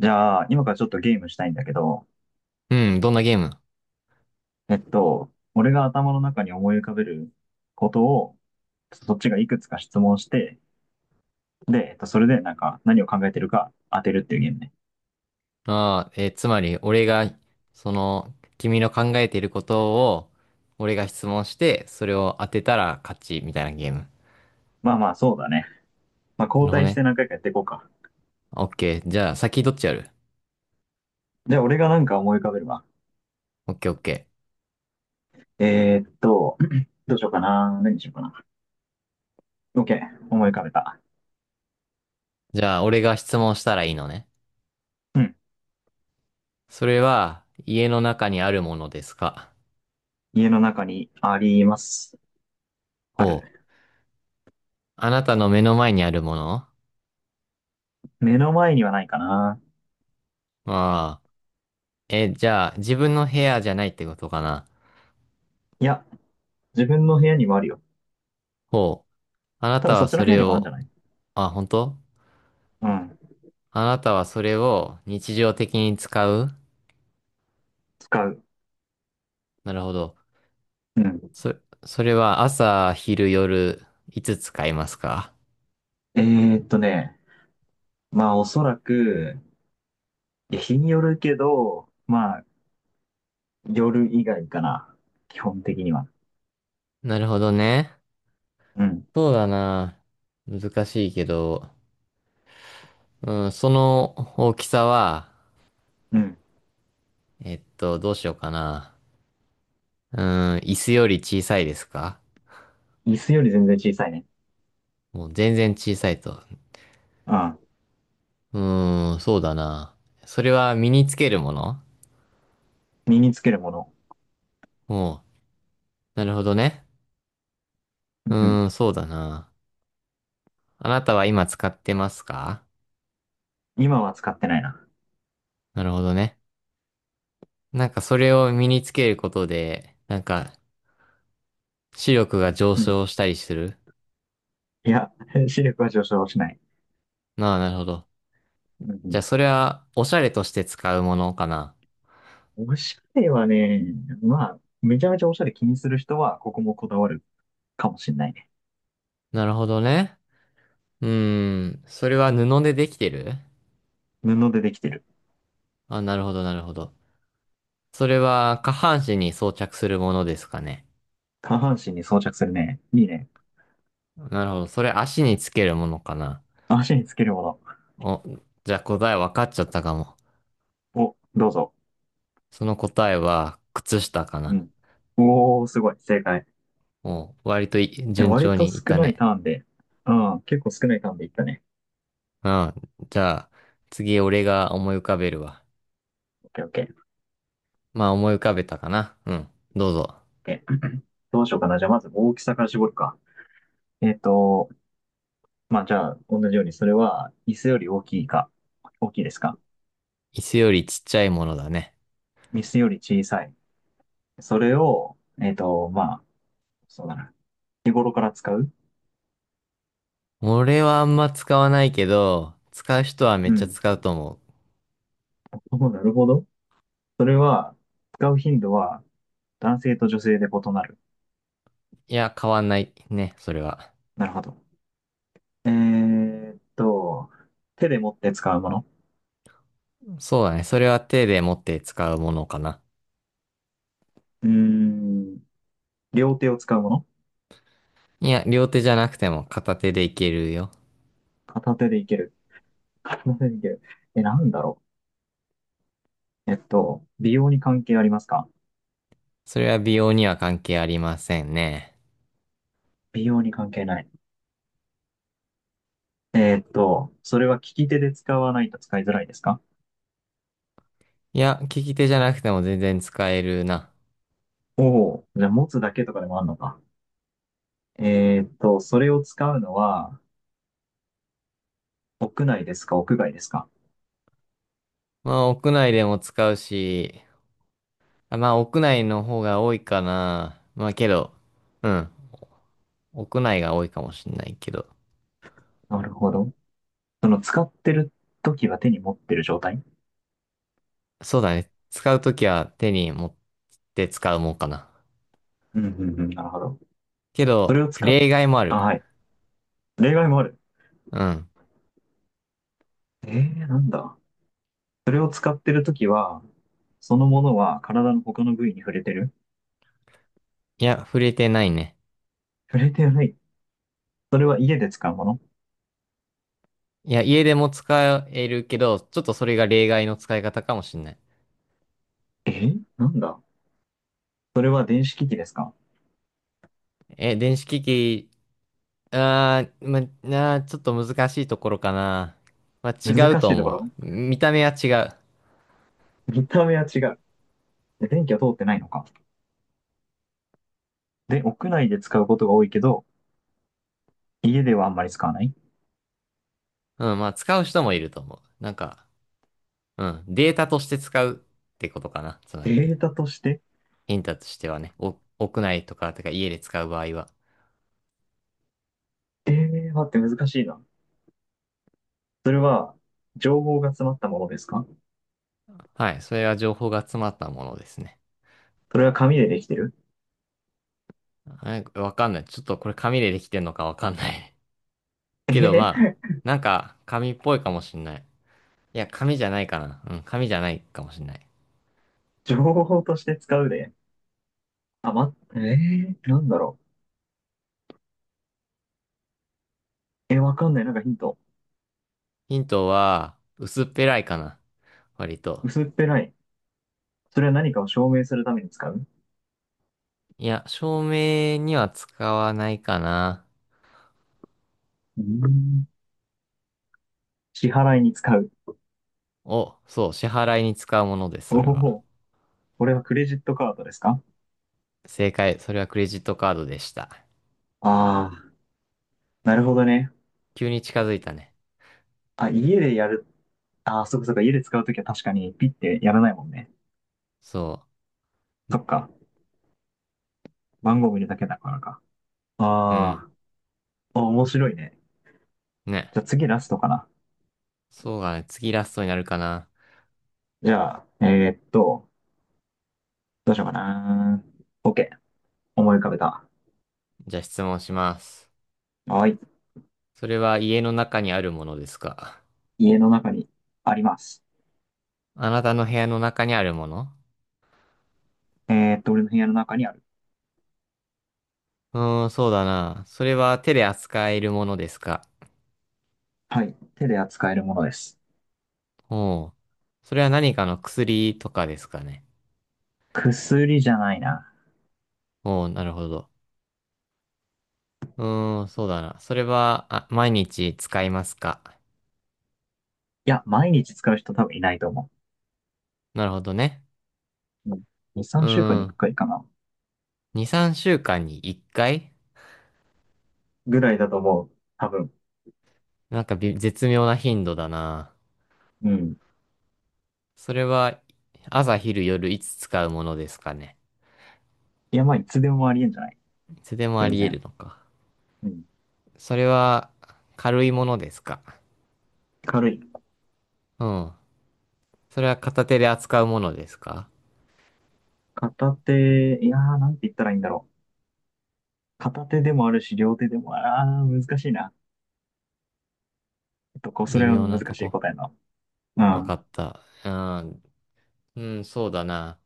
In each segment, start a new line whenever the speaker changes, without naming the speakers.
じゃあ、今からちょっとゲームしたいんだけど、
うん、どんなゲーム？
俺が頭の中に思い浮かべることを、そっちがいくつか質問して、で、それでなんか何を考えてるか当てるっていうゲームね。
ああー、つまり、俺が、その、君の考えていることを、俺が質問して、それを当てたら勝ち、みたいなゲーム。
まあまあ、そうだね。まあ、
な
交
るほど
代し
ね。
て何回かやっていこうか。
オッケー。じゃあ、先どっちやる？
じゃあ、俺がなんか思い浮かべるわ。
オッケーオッケ
えーっと、どうしようかな。何にしようかな。OK。思い浮かべた。
ー。じゃあ、俺が質問したらいいのね。
うん。
それは、家の中にあるものですか？
家の中にあります。あ
ほう。
る。
あなたの目の前にあるもの？
目の前にはないかな。
ああ。え、じゃあ、自分の部屋じゃないってことかな？
いや、自分の部屋にもあるよ。
ほう。あな
多
た
分そ
は
っち
そ
の部屋
れ
にもあるんじ
を、
ゃない？
あ、本当？
うん。
あなたはそれを日常的に使う？
使う。
なるほど。
うん。
そ、それは朝、昼、夜、いつ使いますか？
えーっとね、まあおそらく、いや日によるけど、まあ夜以外かな。基本的には。
なるほどね。
うん。
そうだな。難しいけど、うん、その大きさは、
うん。
どうしようかな。うん、椅子より小さいですか？
椅子より全然小さいね。
もう全然小さいと。
うん。
うん、そうだな。それは身につけるもの？
身につけるもの。
もう、なるほどね。
う
う
ん。
ん、そうだな。あなたは今使ってますか？
今は使ってないな。
なるほどね。なんかそれを身につけることで、なんか視力が上
うん。
昇したりする？
いや、視力は上昇しない。
なあ、なるほど。
う
じゃ
ん。
あそれはおしゃれとして使うものかな。
おしゃれはね、まあ、めちゃめちゃおしゃれ気にする人は、ここもこだわるかもしれないね。
なるほどね。うーん。それは布でできてる？
布でできてる。
あ、なるほど、なるほど。それは下半身に装着するものですかね。
下半身に装着するね。いいね。
なるほど。それ足につけるものかな。
足につけるもの。
お、じゃあ答え分かっちゃったかも。
お、どうぞ。
その答えは靴下か
う
な。
ん。おお、すごい。正解。
お、割と
いや
順
割
調
と
にいっ
少
た
ない
ね。
ターンで、うん、結構少ないターンでいったね。
うん、じゃあ、次俺が思い浮かべるわ。
オッケーオッケー。オッ
まあ思い浮かべたかな。うん。どうぞ。
ケー。どうしようかな。じゃあまず大きさから絞るか。えっと、まあじゃあ同じように、それは椅子より大きいか、大きいですか？
椅子よりちっちゃいものだね。
椅子より小さい。それを、まあ、そうだな。日頃から使う？
俺はあんま使わないけど、使う人はめっ
う
ちゃ
ん。
使うと思う。
お、なるほど。それは、使う頻度は男性と女性で異なる？
いや、変わんないね、それは。
なるほど。えーっと、手で持って使うもの？
そうだね。それは手で持って使うものかな。
うーん。両手を使うもの？
いや、両手じゃなくても片手でいけるよ。
片手でいける。片手でいける。え、なんだろう。美容に関係ありますか？
それは美容には関係ありませんね。
美容に関係ない。それは利き手で使わないと使いづらいですか？
いや、利き手じゃなくても全然使えるな。
おおー、じゃあ持つだけとかでもあるのか。それを使うのは、屋内ですか、屋外ですか？
まあ、屋内でも使うし、あまあ、屋内の方が多いかな。まあ、けど、うん。屋内が多いかもしんないけど。
なるほど。その使ってる時は手に持ってる状態？
そうだね。使うときは手に持って使うもんかな。
うんうんうん。なるほど。
け
そ
ど、
れを使っ、
例外もあ
あ、
る。
はい。例外もある。
うん。
なんだ。それを使ってる時は、そのものは体の他の部位に触れてる？
いや、触れてないね。
触れてない。それは家で使うもの？
いや、家でも使えるけど、ちょっとそれが例外の使い方かもしんない。
なんだ。それは電子機器ですか？
え、電子機器、ま、ちょっと難しいところかな。まあ、違う
難
と
しいとこ
思
ろ。
う。見た目は違う。
見た目は違う。で電気は通ってないのか。で、屋内で使うことが多いけど、家ではあんまり使わない？
うん、まあ、使う人もいると思う。なんか、うん。データとして使うってことかな。つまり。
データとして？
ヒントとしてはね、お、屋内とか、家で使う場合は。
待って難しいな。それは、情報が詰まったものですか？
はい。それは情報が詰まったものですね。
それは紙でできてる？
はい、わかんない。ちょっとこれ紙でできてんのかわかんない。
え
け
へ
ど
へ
まあ、なんか紙っぽいかもしんない。いや、紙じゃないかな。うん、紙じゃないかもしんない。
情報として使うで。あ、ま、なんだろう。え、わかんない。なんかヒント。
ヒントは、薄っぺらいかな。割と。
薄っぺらい。それは何かを証明するために使う？
いや、照明には使わないかな。
うーん。支払いに使う。
お、そう、支払いに使うものです、
お
それは。
お、これはクレジットカードですか？
正解。それはクレジットカードでした。
ああー、なるほどね。
急に近づいたね。
あ、家でやる。ああ、そっかそっか。家で使うときは確かにピッてやらないもんね。
そ
そっか。番号見るだけだからか。
う。うん。
ああ、あ、面白いね。
ね。
じゃあ次ラストかな。
そうだね。次ラストになるかな。
じゃあ、どうしようかな。OK。思い浮かべた。
じゃあ質問します。
はい。
それは家の中にあるものですか？
家の中にあります。
あなたの部屋の中にあるもの？
俺の部屋の中にある。
うーん、そうだな。それは手で扱えるものですか？
はい。手で扱えるものです。
おう。それは何かの薬とかですかね。
薬じゃないな。
おう、なるほど。うーん、そうだな。それは、あ、毎日使いますか？
いや、毎日使う人多分いないと思
なるほどね。
う。うん。2、
う
3週間
ー
にい
ん。
回かいかな。
2、3週間に1回。
ぐらいだと思う。多分。
なんか絶妙な頻度だな。
うん。
それは朝昼夜いつ使うものですかね。
いや、まあ、いつでもありえんじゃない？
いつでもあ
全
り得る
然。
のか。
うん。
それは軽いものですか。
軽い。
うん。それは片手で扱うものですか。
片手、いやー、なんて言ったらいいんだろう。片手でもあるし、両手でも、難しいな。こう、そ
微
れは
妙
難
なと
しい
こ。
答えだ
わ
な。
かった。うん。うん、そうだな。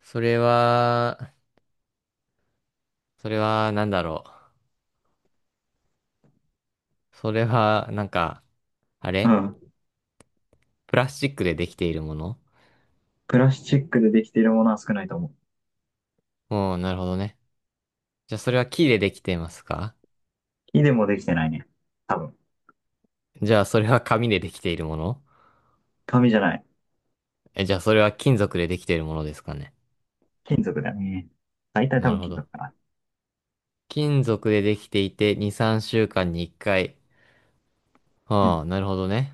それは、それはなんだろう。それはなんか、あ
うん。う
れ
ん。
プラスチックでできているもの？
プラスチックでできているものは少ないと思。
うん、なるほどね。じゃあそれは木でできていますか？
木でもできてないね。多分。
じゃあそれは紙でできているもの？
紙じゃない。
え、じゃあそれは金属でできているものですかね。
金属だよね。大体多
なる
分
ほ
金属
ど。
かな。
金属でできていて2、3週間に1回。
うん。
はあ、なるほどね。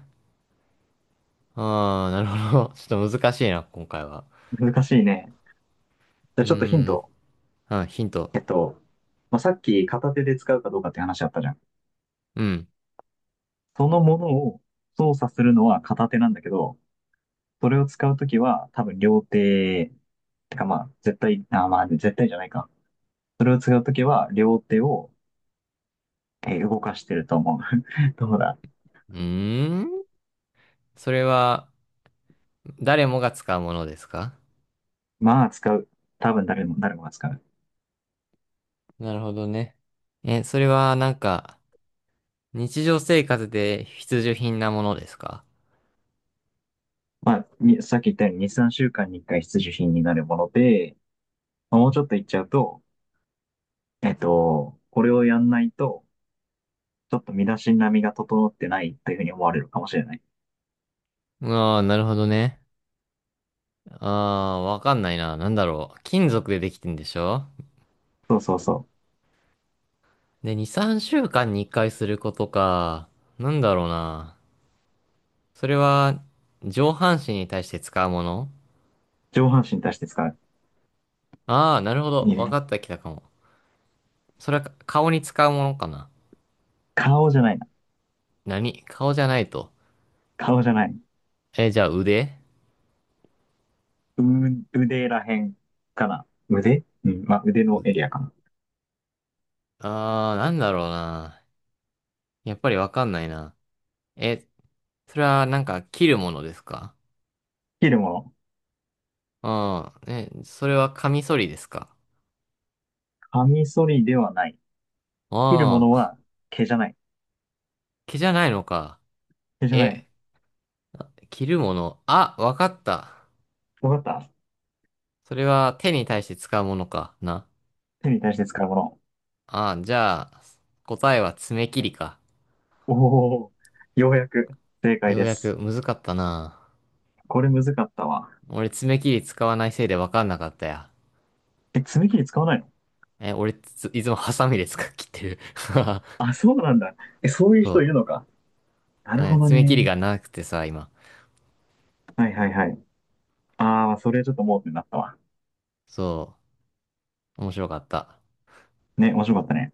ああ、なるほど。ちょっと難しいな、今回は。
難しいね。じゃあ
う
ちょっとヒン
ーん。
ト。
あ、ヒント。
えっと、まあ、さっき片手で使うかどうかって話あったじゃん。
うん。
そのものを操作するのは片手なんだけど、それを使うときは多分両手、てかまあ、絶対、あ、まあ、絶対じゃないか。それを使うときは両手を、動かしてると思う。どうだ？
うーん。それは誰もが使うものですか？
まあ、使う。多分誰もが使う。
なるほどね。え、それはなんか日常生活で必需品なものですか？
まあ、にさっき言ったように2、3週間に1回必需品になるもので、まあもうちょっと言っちゃうと、これをやんないと、ちょっと身だしなみが整ってないというふうに思われるかもしれない。
ああー、なるほどね。ああ、わかんないな。なんだろう。金属でできてんでしょ？
そうそうそう。
で、2、3週間に1回することか。なんだろうな。それは、上半身に対して使うもの？
上半身に対して使う。
ああー、なるほど。
いい
わか
ね。
ったきたかも。それはか顔に使うものかな。
顔じゃないな。
何顔じゃないと。
顔じゃない。
え、じゃあ腕？
う、腕らへんかな。腕、うん。まあ、腕のエリ
腕。
アかな。
ああ、なんだろうな。やっぱりわかんないな。え、それはなんか切るものですか？
切るもの。
ああー、え、それはカミソリですか？
カミソリではない。切るも
ああ
の
ー、
は毛じゃない。
毛じゃないのか。
毛じゃない。
え、切るもの。あ、わかった。
わかった。
それは手に対して使うものかな。
手に対して使うもの。
ああ、じゃあ、答えは爪切りか。
おお、ようやく正解
よう
で
や
す。
く、むずかったな。
これむずかったわ。
俺爪切り使わないせいで分かんなかったや。
え、爪切り使わないの？
え、俺いつもハサミで切ってる。
あ、そうなんだ。え、そう いう人
そ
いるのか。な
う。
る
ね、
ほど
爪切り
ね。
がなくてさ、今。
はいはいはい。ああ、それちょっと盲点だったわ。
そう。面白かった。
ね、面白かったね。